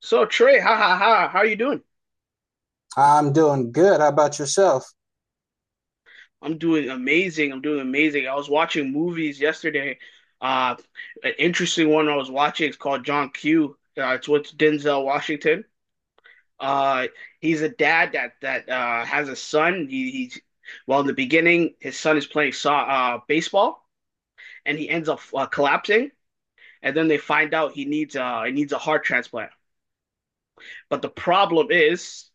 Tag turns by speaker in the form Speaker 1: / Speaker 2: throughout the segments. Speaker 1: So Trey, ha ha ha, how are you doing?
Speaker 2: I'm doing good. How about yourself?
Speaker 1: I'm doing amazing. I'm doing amazing. I was watching movies yesterday. Uh, an interesting one I was watching is called John Q. It's with Denzel Washington. Uh, he's a dad that has a son. He's well in the beginning, his son is playing baseball, and he ends up collapsing. And then they find out he needs a heart transplant. But the problem is,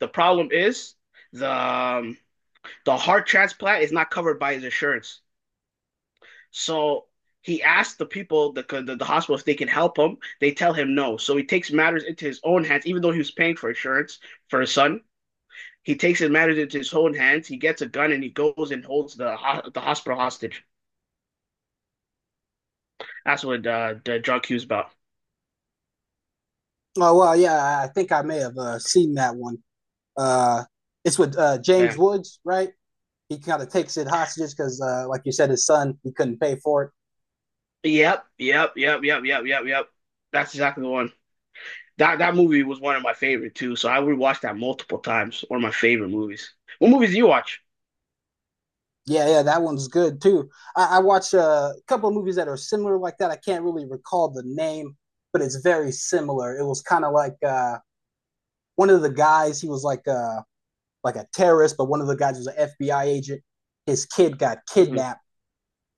Speaker 1: the problem is the um, the heart transplant is not covered by his insurance. So he asked the people, the hospital, if they can help him. They tell him no. So he takes matters into his own hands, even though he was paying for insurance for his son. He takes his matters into his own hands. He gets a gun and he goes and holds the hospital hostage. That's what the drug cue's about.
Speaker 2: Oh, well, yeah, I think I may have seen that one. Uh, it's with James
Speaker 1: Yeah.
Speaker 2: Woods, right? He kind of takes it hostages because, like you said, his son, he couldn't pay for it.
Speaker 1: Yep. Yep. Yep. Yep. Yep. Yep. Yep. That's exactly the one. That movie was one of my favorite too. So I rewatched that multiple times. One of my favorite movies. What movies do you watch?
Speaker 2: Yeah, yeah, that one's good too. I watched a couple of movies that are similar like that. I can't really recall the name, but it's very similar. It was kind of like one of the guys, he was like a terrorist, but one of the guys was an FBI agent. His kid got
Speaker 1: Mhm.
Speaker 2: kidnapped,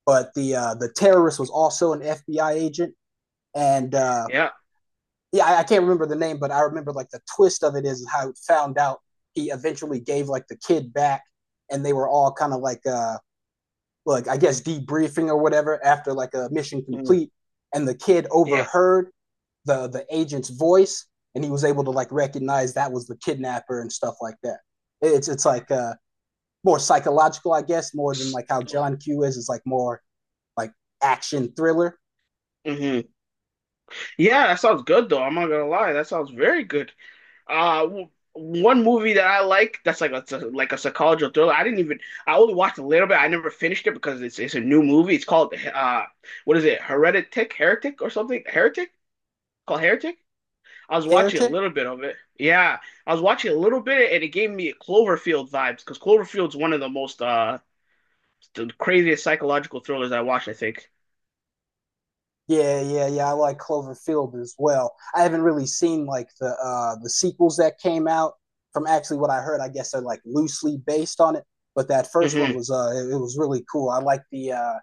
Speaker 2: but the terrorist was also an FBI agent, and
Speaker 1: Yeah.
Speaker 2: yeah, I can't remember the name, but I remember like the twist of it is how it found out he eventually gave like the kid back, and they were all kind of like I guess debriefing or whatever after like a mission
Speaker 1: Mhm.
Speaker 2: complete, and the kid
Speaker 1: Yeah.
Speaker 2: overheard the agent's voice, and he was able to like recognize that was the kidnapper and stuff like that. It's like more psychological, I guess, more than like how John Q is like more like action thriller.
Speaker 1: Hmm. Yeah, that sounds good though. I'm not gonna lie, that sounds very good. One movie that I like that's like it's a like a psychological thriller. I didn't even I only watched a little bit. I never finished it because it's a new movie. It's called what is it? Heretic, Heretic or something? Heretic? Called Heretic? I was watching a
Speaker 2: Heretic.
Speaker 1: little bit of it. Yeah, I was watching a little bit and it gave me Cloverfield vibes because Cloverfield's one of the craziest psychological thrillers I watched, I think.
Speaker 2: Yeah, yeah, yeah. I like Cloverfield as well. I haven't really seen like the the sequels that came out. From actually what I heard, I guess they're like loosely based on it. But that first one
Speaker 1: Hmm.
Speaker 2: was it, it was really cool. I like the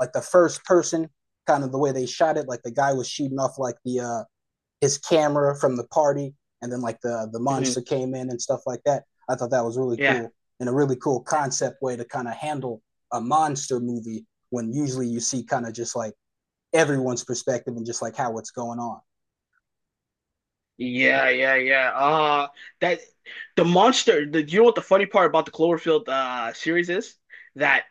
Speaker 2: like the first person kind of the way they shot it. Like the guy was shooting off like the his camera from the party, and then like the
Speaker 1: Hmm.
Speaker 2: monster came in and stuff like that. I thought that was really
Speaker 1: Yeah.
Speaker 2: cool and a really cool concept way to kind of handle a monster movie when usually you see kind of just like everyone's perspective and just like how it's going on.
Speaker 1: Yeah, yeah, yeah. That the monster, the you know what the funny part about the Cloverfield series is? That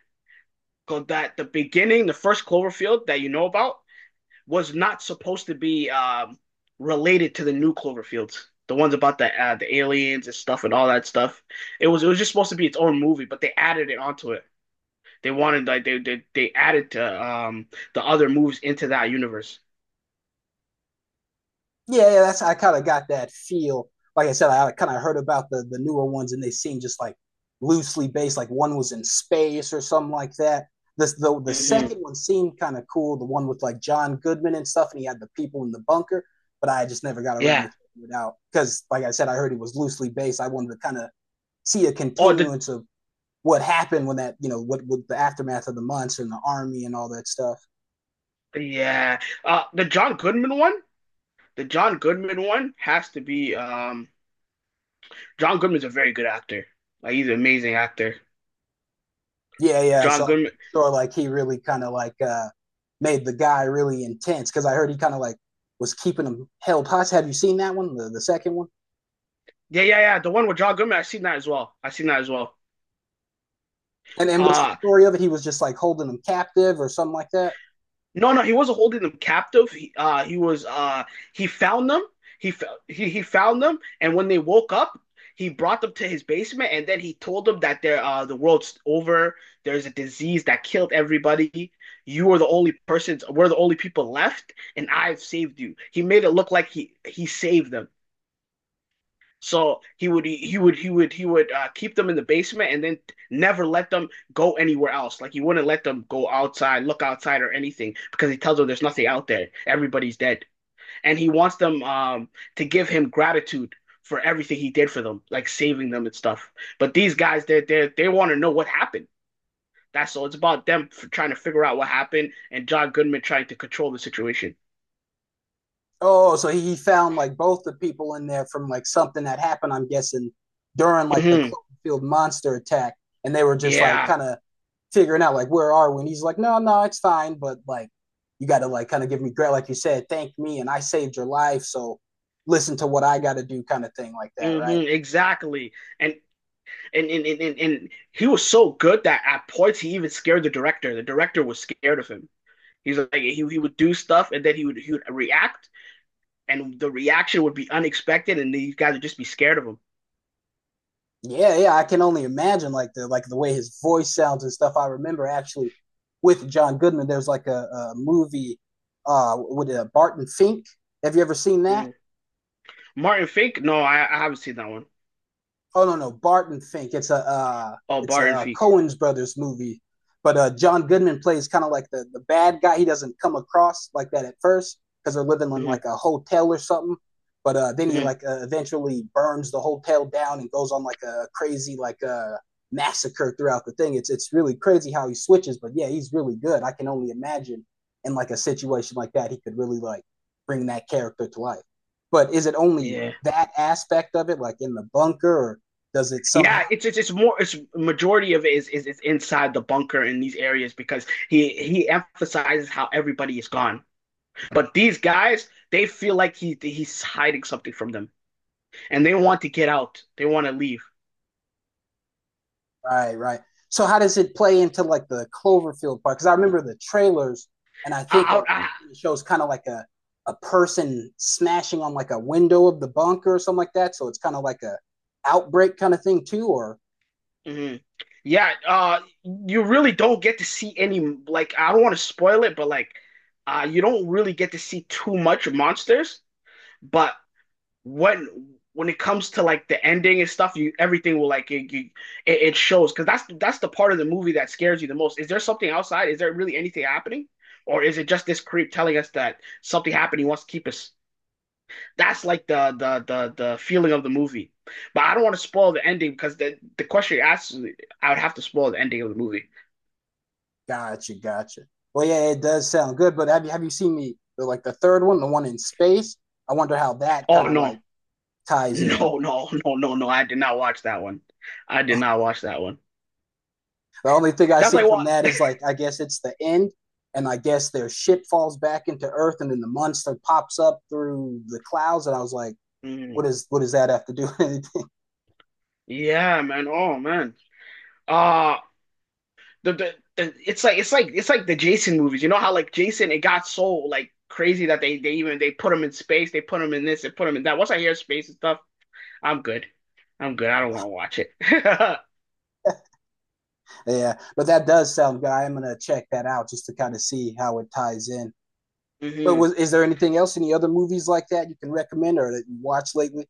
Speaker 1: that the beginning, the first Cloverfield that you know about was not supposed to be related to the new Cloverfields. The ones about the aliens and stuff and all that stuff. It was just supposed to be its own movie, but they added it onto it. They wanted like they added to the other movies into that universe.
Speaker 2: Yeah, yeah, that's I kind of got that feel. Like I said, I kind of heard about the newer ones and they seem just like loosely based. Like one was in space or something like that. This the
Speaker 1: Hmm.
Speaker 2: second one seemed kind of cool. The one with like John Goodman and stuff, and he had the people in the bunker. But I just never got around
Speaker 1: Yeah.
Speaker 2: to checking it out because, like I said, I heard it was loosely based. I wanted to kind of see a
Speaker 1: Oh, the
Speaker 2: continuance of what happened when that you know what with the aftermath of the months and the army and all that stuff.
Speaker 1: yeah. The John Goodman one? The John Goodman one has to be John Goodman's a very good actor. Like he's an amazing actor.
Speaker 2: Yeah, yeah.
Speaker 1: John
Speaker 2: So I'm
Speaker 1: Goodman.
Speaker 2: pretty sure like he really kind of like made the guy really intense because I heard he kind of like was keeping him held hostage. Have you seen that one, the second one?
Speaker 1: Yeah, yeah, yeah. The one with John Goodman, I seen that as well. I seen that as well.
Speaker 2: And what's the
Speaker 1: Uh
Speaker 2: story of it? He was just like holding him captive or something like that.
Speaker 1: No, no, he wasn't holding them captive. He was. He found them. He found them, and when they woke up, he brought them to his basement, and then he told them that the world's over. There's a disease that killed everybody. You are the only persons. We're the only people left, and I've saved you. He made it look like he saved them. So he would keep them in the basement and then never let them go anywhere else. Like he wouldn't let them go outside, look outside or anything because he tells them there's nothing out there. Everybody's dead. And he wants them to give him gratitude for everything he did for them, like saving them and stuff. But these guys they want to know what happened. That's all. It's about them f trying to figure out what happened and John Goodman trying to control the situation.
Speaker 2: Oh, so he found like both the people in there from like something that happened, I'm guessing, during like the
Speaker 1: Hmm.
Speaker 2: Cloverfield monster attack. And they were just like
Speaker 1: Yeah.
Speaker 2: kind of figuring out like, where are we? And he's like, no, no, it's fine. But like, you got to like kind of give me credit. Like you said, thank me and I saved your life. So listen to what I got to do kind of thing like that.
Speaker 1: Hmm.
Speaker 2: Right.
Speaker 1: Exactly. And And, and, and, and, he was so good that at points he even scared the director. The director was scared of him. He would do stuff and then he would react and the reaction would be unexpected and these guys would just be scared of him.
Speaker 2: Yeah. Yeah. I can only imagine like the way his voice sounds and stuff. I remember actually with John Goodman, there's like a movie with Barton Fink. Have you ever seen that?
Speaker 1: Mm. Martin Fink? No, I haven't seen that one.
Speaker 2: Oh no, no, Barton Fink. It's a
Speaker 1: Oh, Barton Fink.
Speaker 2: Cohen's brothers movie, but John Goodman plays kind of like the bad guy. He doesn't come across like that at first because they're living in
Speaker 1: Mm-hmm,
Speaker 2: like a hotel or something. But then he
Speaker 1: mm-hmm.
Speaker 2: like eventually burns the hotel down and goes on like a crazy like a massacre throughout the thing. It's really crazy how he switches. But yeah, he's really good. I can only imagine in like a situation like that, he could really like bring that character to life. But is it only
Speaker 1: Yeah,
Speaker 2: that aspect of it, like in the bunker, or does it somehow?
Speaker 1: yeah. It's more. It's majority of it is it's inside the bunker in these areas because he emphasizes how everybody is gone. But these guys, they feel like he's hiding something from them, and they want to get out. They want to leave.
Speaker 2: Right, right. So how does it play into like the Cloverfield part? Because I remember the trailers, and I think
Speaker 1: Out.
Speaker 2: it
Speaker 1: Ah,
Speaker 2: shows kind of like a person smashing on like a window of the bunker or something like that. So it's kind of like a outbreak kind of thing too. Or
Speaker 1: mhm. Yeah. You really don't get to see any. Like, I don't want to spoil it, but like, you don't really get to see too much monsters. But when when it comes to like the ending and stuff, you everything will like it you, it shows because that's the part of the movie that scares you the most. Is there something outside? Is there really anything happening, or is it just this creep telling us that something happened? He wants to keep us That's the feeling of the movie. But I don't want to spoil the ending because the question you asked, I would have to spoil the ending of the movie.
Speaker 2: gotcha, gotcha. Well, yeah, it does sound good. But have you seen the like the third one, the one in space? I wonder how that
Speaker 1: Oh
Speaker 2: kind of like ties in.
Speaker 1: no! I did not watch that one. I did not watch that one.
Speaker 2: The only thing I
Speaker 1: That's
Speaker 2: see
Speaker 1: like
Speaker 2: from
Speaker 1: what?
Speaker 2: that is like I guess it's the end, and I guess their ship falls back into Earth, and then the monster pops up through the clouds, and I was like,
Speaker 1: Mm,
Speaker 2: what is what does that have to do with anything?
Speaker 1: yeah, man. Oh man. Uh the it's like it's like the Jason movies. You know how like Jason, it got so like crazy that they put him in space, they put him in this, they put him in that. Once I hear space and stuff, I'm good. I'm good. I don't want to watch it.
Speaker 2: yeah, but that does sound good. I'm gonna check that out just to kind of see how it ties in. But
Speaker 1: Hmm.
Speaker 2: was is there anything else? Any other movies like that you can recommend or that you watched lately?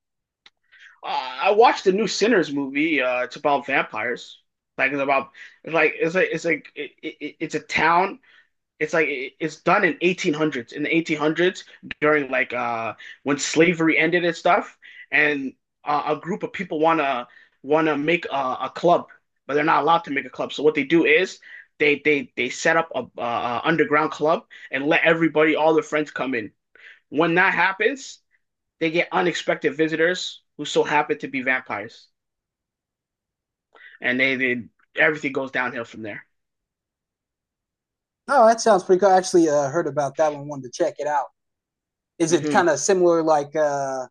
Speaker 1: Uh, I watched the new Sinners movie. It's about vampires. Like it's about it's a town. It's done in 1800s in the 1800s during when slavery ended and stuff. And a group of people wanna make a club, but they're not allowed to make a club. So what they do is they set up a underground club and let everybody all their friends come in. When that happens they get unexpected visitors who so happen to be vampires, and they everything goes downhill from there.
Speaker 2: Oh, that sounds pretty cool. I actually heard about that one. Wanted to check it out. Is it
Speaker 1: Hmm.
Speaker 2: kind of similar like? uh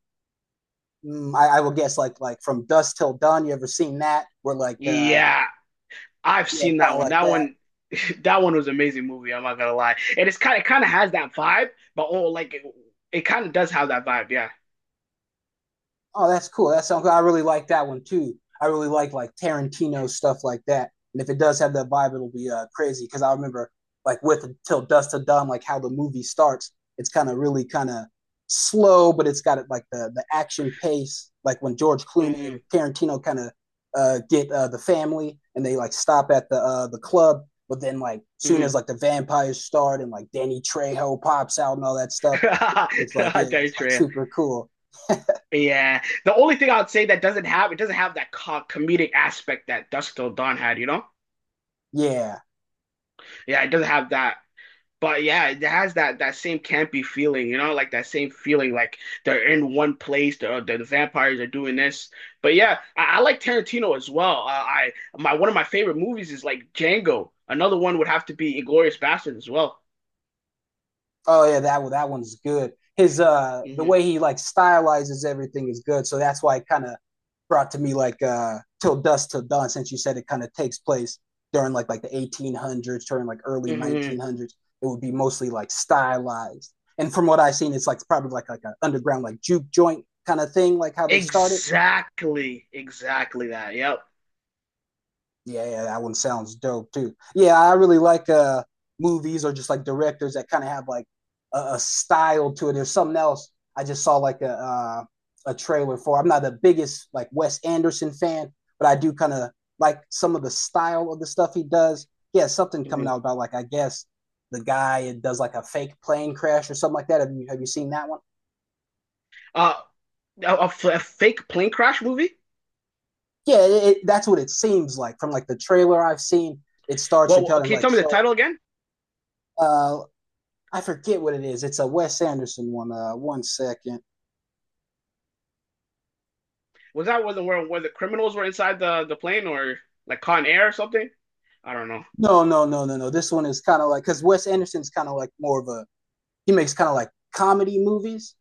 Speaker 2: mm, I will guess like from dusk till dawn. You ever seen that? Where like
Speaker 1: Yeah, I've
Speaker 2: yeah,
Speaker 1: seen
Speaker 2: kind
Speaker 1: that
Speaker 2: of
Speaker 1: one.
Speaker 2: like
Speaker 1: That
Speaker 2: that.
Speaker 1: one, that one was an amazing movie. I'm not gonna lie, and it's kind of has that vibe, but oh, it kind of does have that vibe. Yeah.
Speaker 2: Oh, that's cool. That sounds good. I really like that one too. I really like Tarantino stuff like that. And if it does have that vibe, it'll be crazy. Because I remember like with Till Dust to Dawn, like how the movie starts. It's kind of really kind of slow, but it's got it like the action pace. Like when George Clooney
Speaker 1: Mm
Speaker 2: and Tarantino kind of get the family and they like stop at the club. But then like
Speaker 1: hmm. Mm
Speaker 2: soon as
Speaker 1: hmm.
Speaker 2: like the vampires start and like Danny Trejo pops out and all that stuff, it's like yeah,
Speaker 1: Very
Speaker 2: it's like
Speaker 1: true.
Speaker 2: super cool.
Speaker 1: Yeah. The only thing I would say that doesn't have it doesn't have that co comedic aspect that Dusk Till Dawn had. You know?
Speaker 2: Yeah.
Speaker 1: Yeah, it doesn't have that But yeah, it has that that same campy feeling, you know, like that same feeling, like they're in one place, the vampires are doing this. But yeah, I like Tarantino as well. I My one of my favorite movies is like Django. Another one would have to be Inglorious Bastards as well.
Speaker 2: Oh yeah, that one, that one's good. His the
Speaker 1: Hmm.
Speaker 2: way he like stylizes everything is good. So that's why it kind of brought to me like Till Dusk Till Dawn since you said it kind of takes place during like the 1800s, during like early
Speaker 1: Hmm.
Speaker 2: 1900s. It would be mostly like stylized. And from what I've seen it's like probably like an underground like juke joint kind of thing like how they started.
Speaker 1: Exactly, exactly that. Yep.
Speaker 2: Yeah, yeah, that one sounds dope too. Yeah, I really like movies or just like directors that kind of have like a style to it. There's something else I just saw like a trailer for. I'm not the biggest like Wes Anderson fan, but I do kind of like some of the style of the stuff he does. He has something coming
Speaker 1: Hmm.
Speaker 2: out about like I guess the guy that does like a fake plane crash or something like that. Have you seen that one?
Speaker 1: Uh, a fake plane crash movie?
Speaker 2: Yeah, it, that's what it seems like from like the trailer I've seen. It starts to
Speaker 1: Well,
Speaker 2: kind of
Speaker 1: can you
Speaker 2: like
Speaker 1: tell me the
Speaker 2: show
Speaker 1: title again?
Speaker 2: uh, I forget what it is. It's a Wes Anderson one. One second.
Speaker 1: Was that one where the criminals were inside the plane or like Con Air or something? I don't know.
Speaker 2: No, no, no, no, no. This one is kind of like because Wes Anderson's kind of like more of a he makes kind of like comedy movies,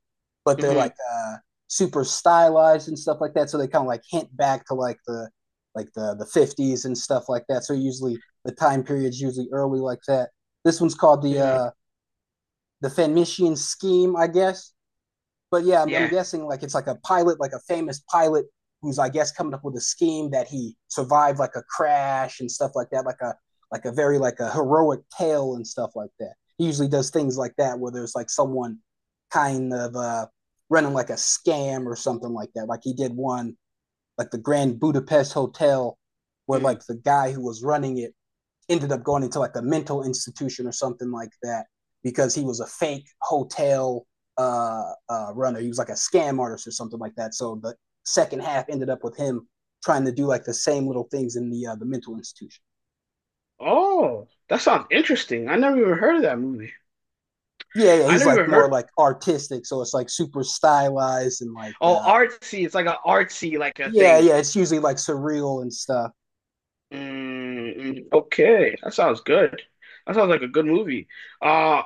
Speaker 2: but they're like
Speaker 1: Mhm.
Speaker 2: super stylized and stuff like that. So they kind of like hint back to like the like the fifties and stuff like that. So usually the time period's usually early like that. This one's called
Speaker 1: Mm,
Speaker 2: the Fenician Scheme, I guess. But yeah, I'm
Speaker 1: yeah.
Speaker 2: guessing like it's like a pilot, like a famous pilot who's I guess coming up with a scheme that he survived like a crash and stuff like that, like a very like a heroic tale and stuff like that. He usually does things like that where there's like someone kind of running like a scam or something like that. Like he did one like the Grand Budapest Hotel where
Speaker 1: Mm.
Speaker 2: like the guy who was running it ended up going into like a mental institution or something like that because he was a fake hotel uh, runner. He was like a scam artist or something like that. So the second half ended up with him trying to do like the same little things in the mental institution.
Speaker 1: Oh, that sounds interesting. I never even heard of that movie.
Speaker 2: Yeah, yeah,
Speaker 1: I
Speaker 2: he's
Speaker 1: never
Speaker 2: like
Speaker 1: even
Speaker 2: more
Speaker 1: heard.
Speaker 2: like artistic, so it's like super stylized and like
Speaker 1: Oh, artsy. It's like an artsy like a
Speaker 2: yeah,
Speaker 1: thing.
Speaker 2: yeah, it's usually like surreal and stuff.
Speaker 1: Mm, mm, okay, that sounds good. That sounds like a good movie. Uh,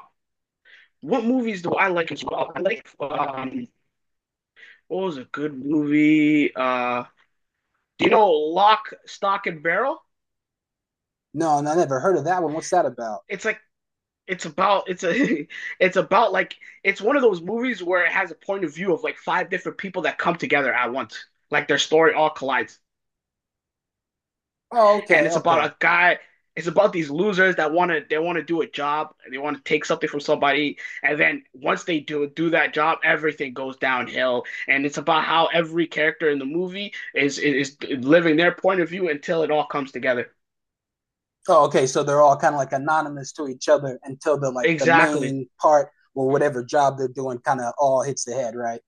Speaker 1: what movies do I like as well? I like what was a good movie? Do you know Lock, Stock and Barrel?
Speaker 2: No, no, I never heard of that one. What's that about?
Speaker 1: It's like it's about it's a it's about like it's one of those movies where it has a point of view of like five different people that come together at once. Like their story all collides.
Speaker 2: Oh,
Speaker 1: And
Speaker 2: okay,
Speaker 1: it's about
Speaker 2: okay.
Speaker 1: a guy it's about these losers that want to they want to do a job, and they want to take something from somebody, and then once they do that job, everything goes downhill. And it's about how every character in the movie is living their point of view until it all comes together.
Speaker 2: Oh, okay. So they're all kind of like anonymous to each other until the like the
Speaker 1: Exactly.
Speaker 2: main part or whatever job they're doing kind of all hits the head, right?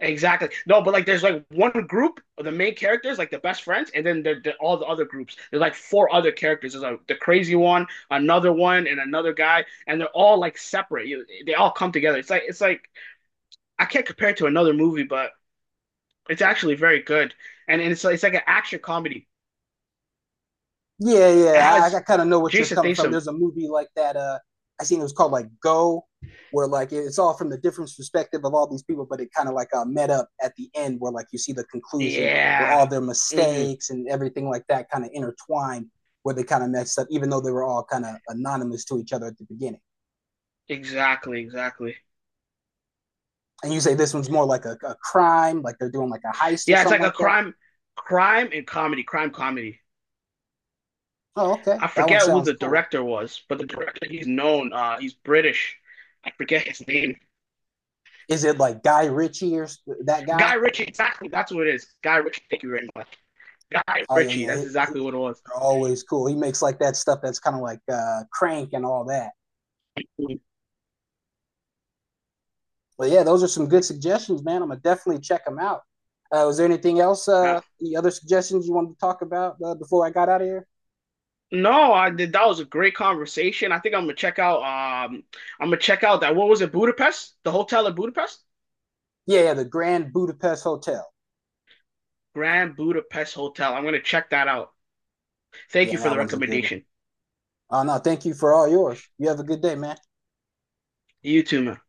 Speaker 1: Exactly. No, but like there's like one group of the main characters, like the best friends, and then all the other groups. There's like four other characters. There's like the crazy one, another one, and another guy, and they're all like separate. You- They all come together. It's like I can't compare it to another movie, but it's actually very good. And it's like an action comedy.
Speaker 2: Yeah,
Speaker 1: It
Speaker 2: yeah. I
Speaker 1: has
Speaker 2: kind of know what you're
Speaker 1: Jason
Speaker 2: coming from.
Speaker 1: Statham.
Speaker 2: There's a movie like that. I seen it was called like Go, where like it's all from the different perspective of all these people, but it kind of like met up at the end where like you see the conclusion where
Speaker 1: Yeah.
Speaker 2: all their
Speaker 1: Hmm.
Speaker 2: mistakes and everything like that kind of intertwined, where they kind of messed up, even though they were all kind of anonymous to each other at the beginning.
Speaker 1: Exactly, exactly.
Speaker 2: And you say this one's more like a crime, like they're doing like a heist or
Speaker 1: Yeah, it's
Speaker 2: something
Speaker 1: like a
Speaker 2: like that.
Speaker 1: crime crime and comedy, crime comedy.
Speaker 2: Oh, okay,
Speaker 1: I
Speaker 2: that one
Speaker 1: forget who
Speaker 2: sounds
Speaker 1: the
Speaker 2: cool.
Speaker 1: director was, but the director he's known. He's British. I forget his name.
Speaker 2: Is it like Guy Ritchie or that guy?
Speaker 1: Guy Ritchie. Exactly. That's what it is. Guy Ritchie. Thank you very much. Guy
Speaker 2: Oh yeah,
Speaker 1: Ritchie.
Speaker 2: yeah,
Speaker 1: That's
Speaker 2: he-
Speaker 1: exactly
Speaker 2: he-
Speaker 1: what it was.
Speaker 2: they're always cool. He makes like that stuff that's kind of like Crank and all that. But yeah, those are some good suggestions, man. I'm gonna definitely check them out. Was there anything else?
Speaker 1: Uh,
Speaker 2: The other suggestions you wanted to talk about before I got out of here?
Speaker 1: no, I did. That was a great conversation. I think I'm gonna check out. I'm gonna check out that. What was it? Budapest? The hotel in Budapest?
Speaker 2: Yeah, yeah, the Grand Budapest Hotel.
Speaker 1: Grand Budapest Hotel. I'm gonna check that out. Thank you
Speaker 2: Yeah,
Speaker 1: for
Speaker 2: that
Speaker 1: the
Speaker 2: one's a good one.
Speaker 1: recommendation.
Speaker 2: Oh no, thank you for all yours. You have a good day, man.
Speaker 1: You too, man.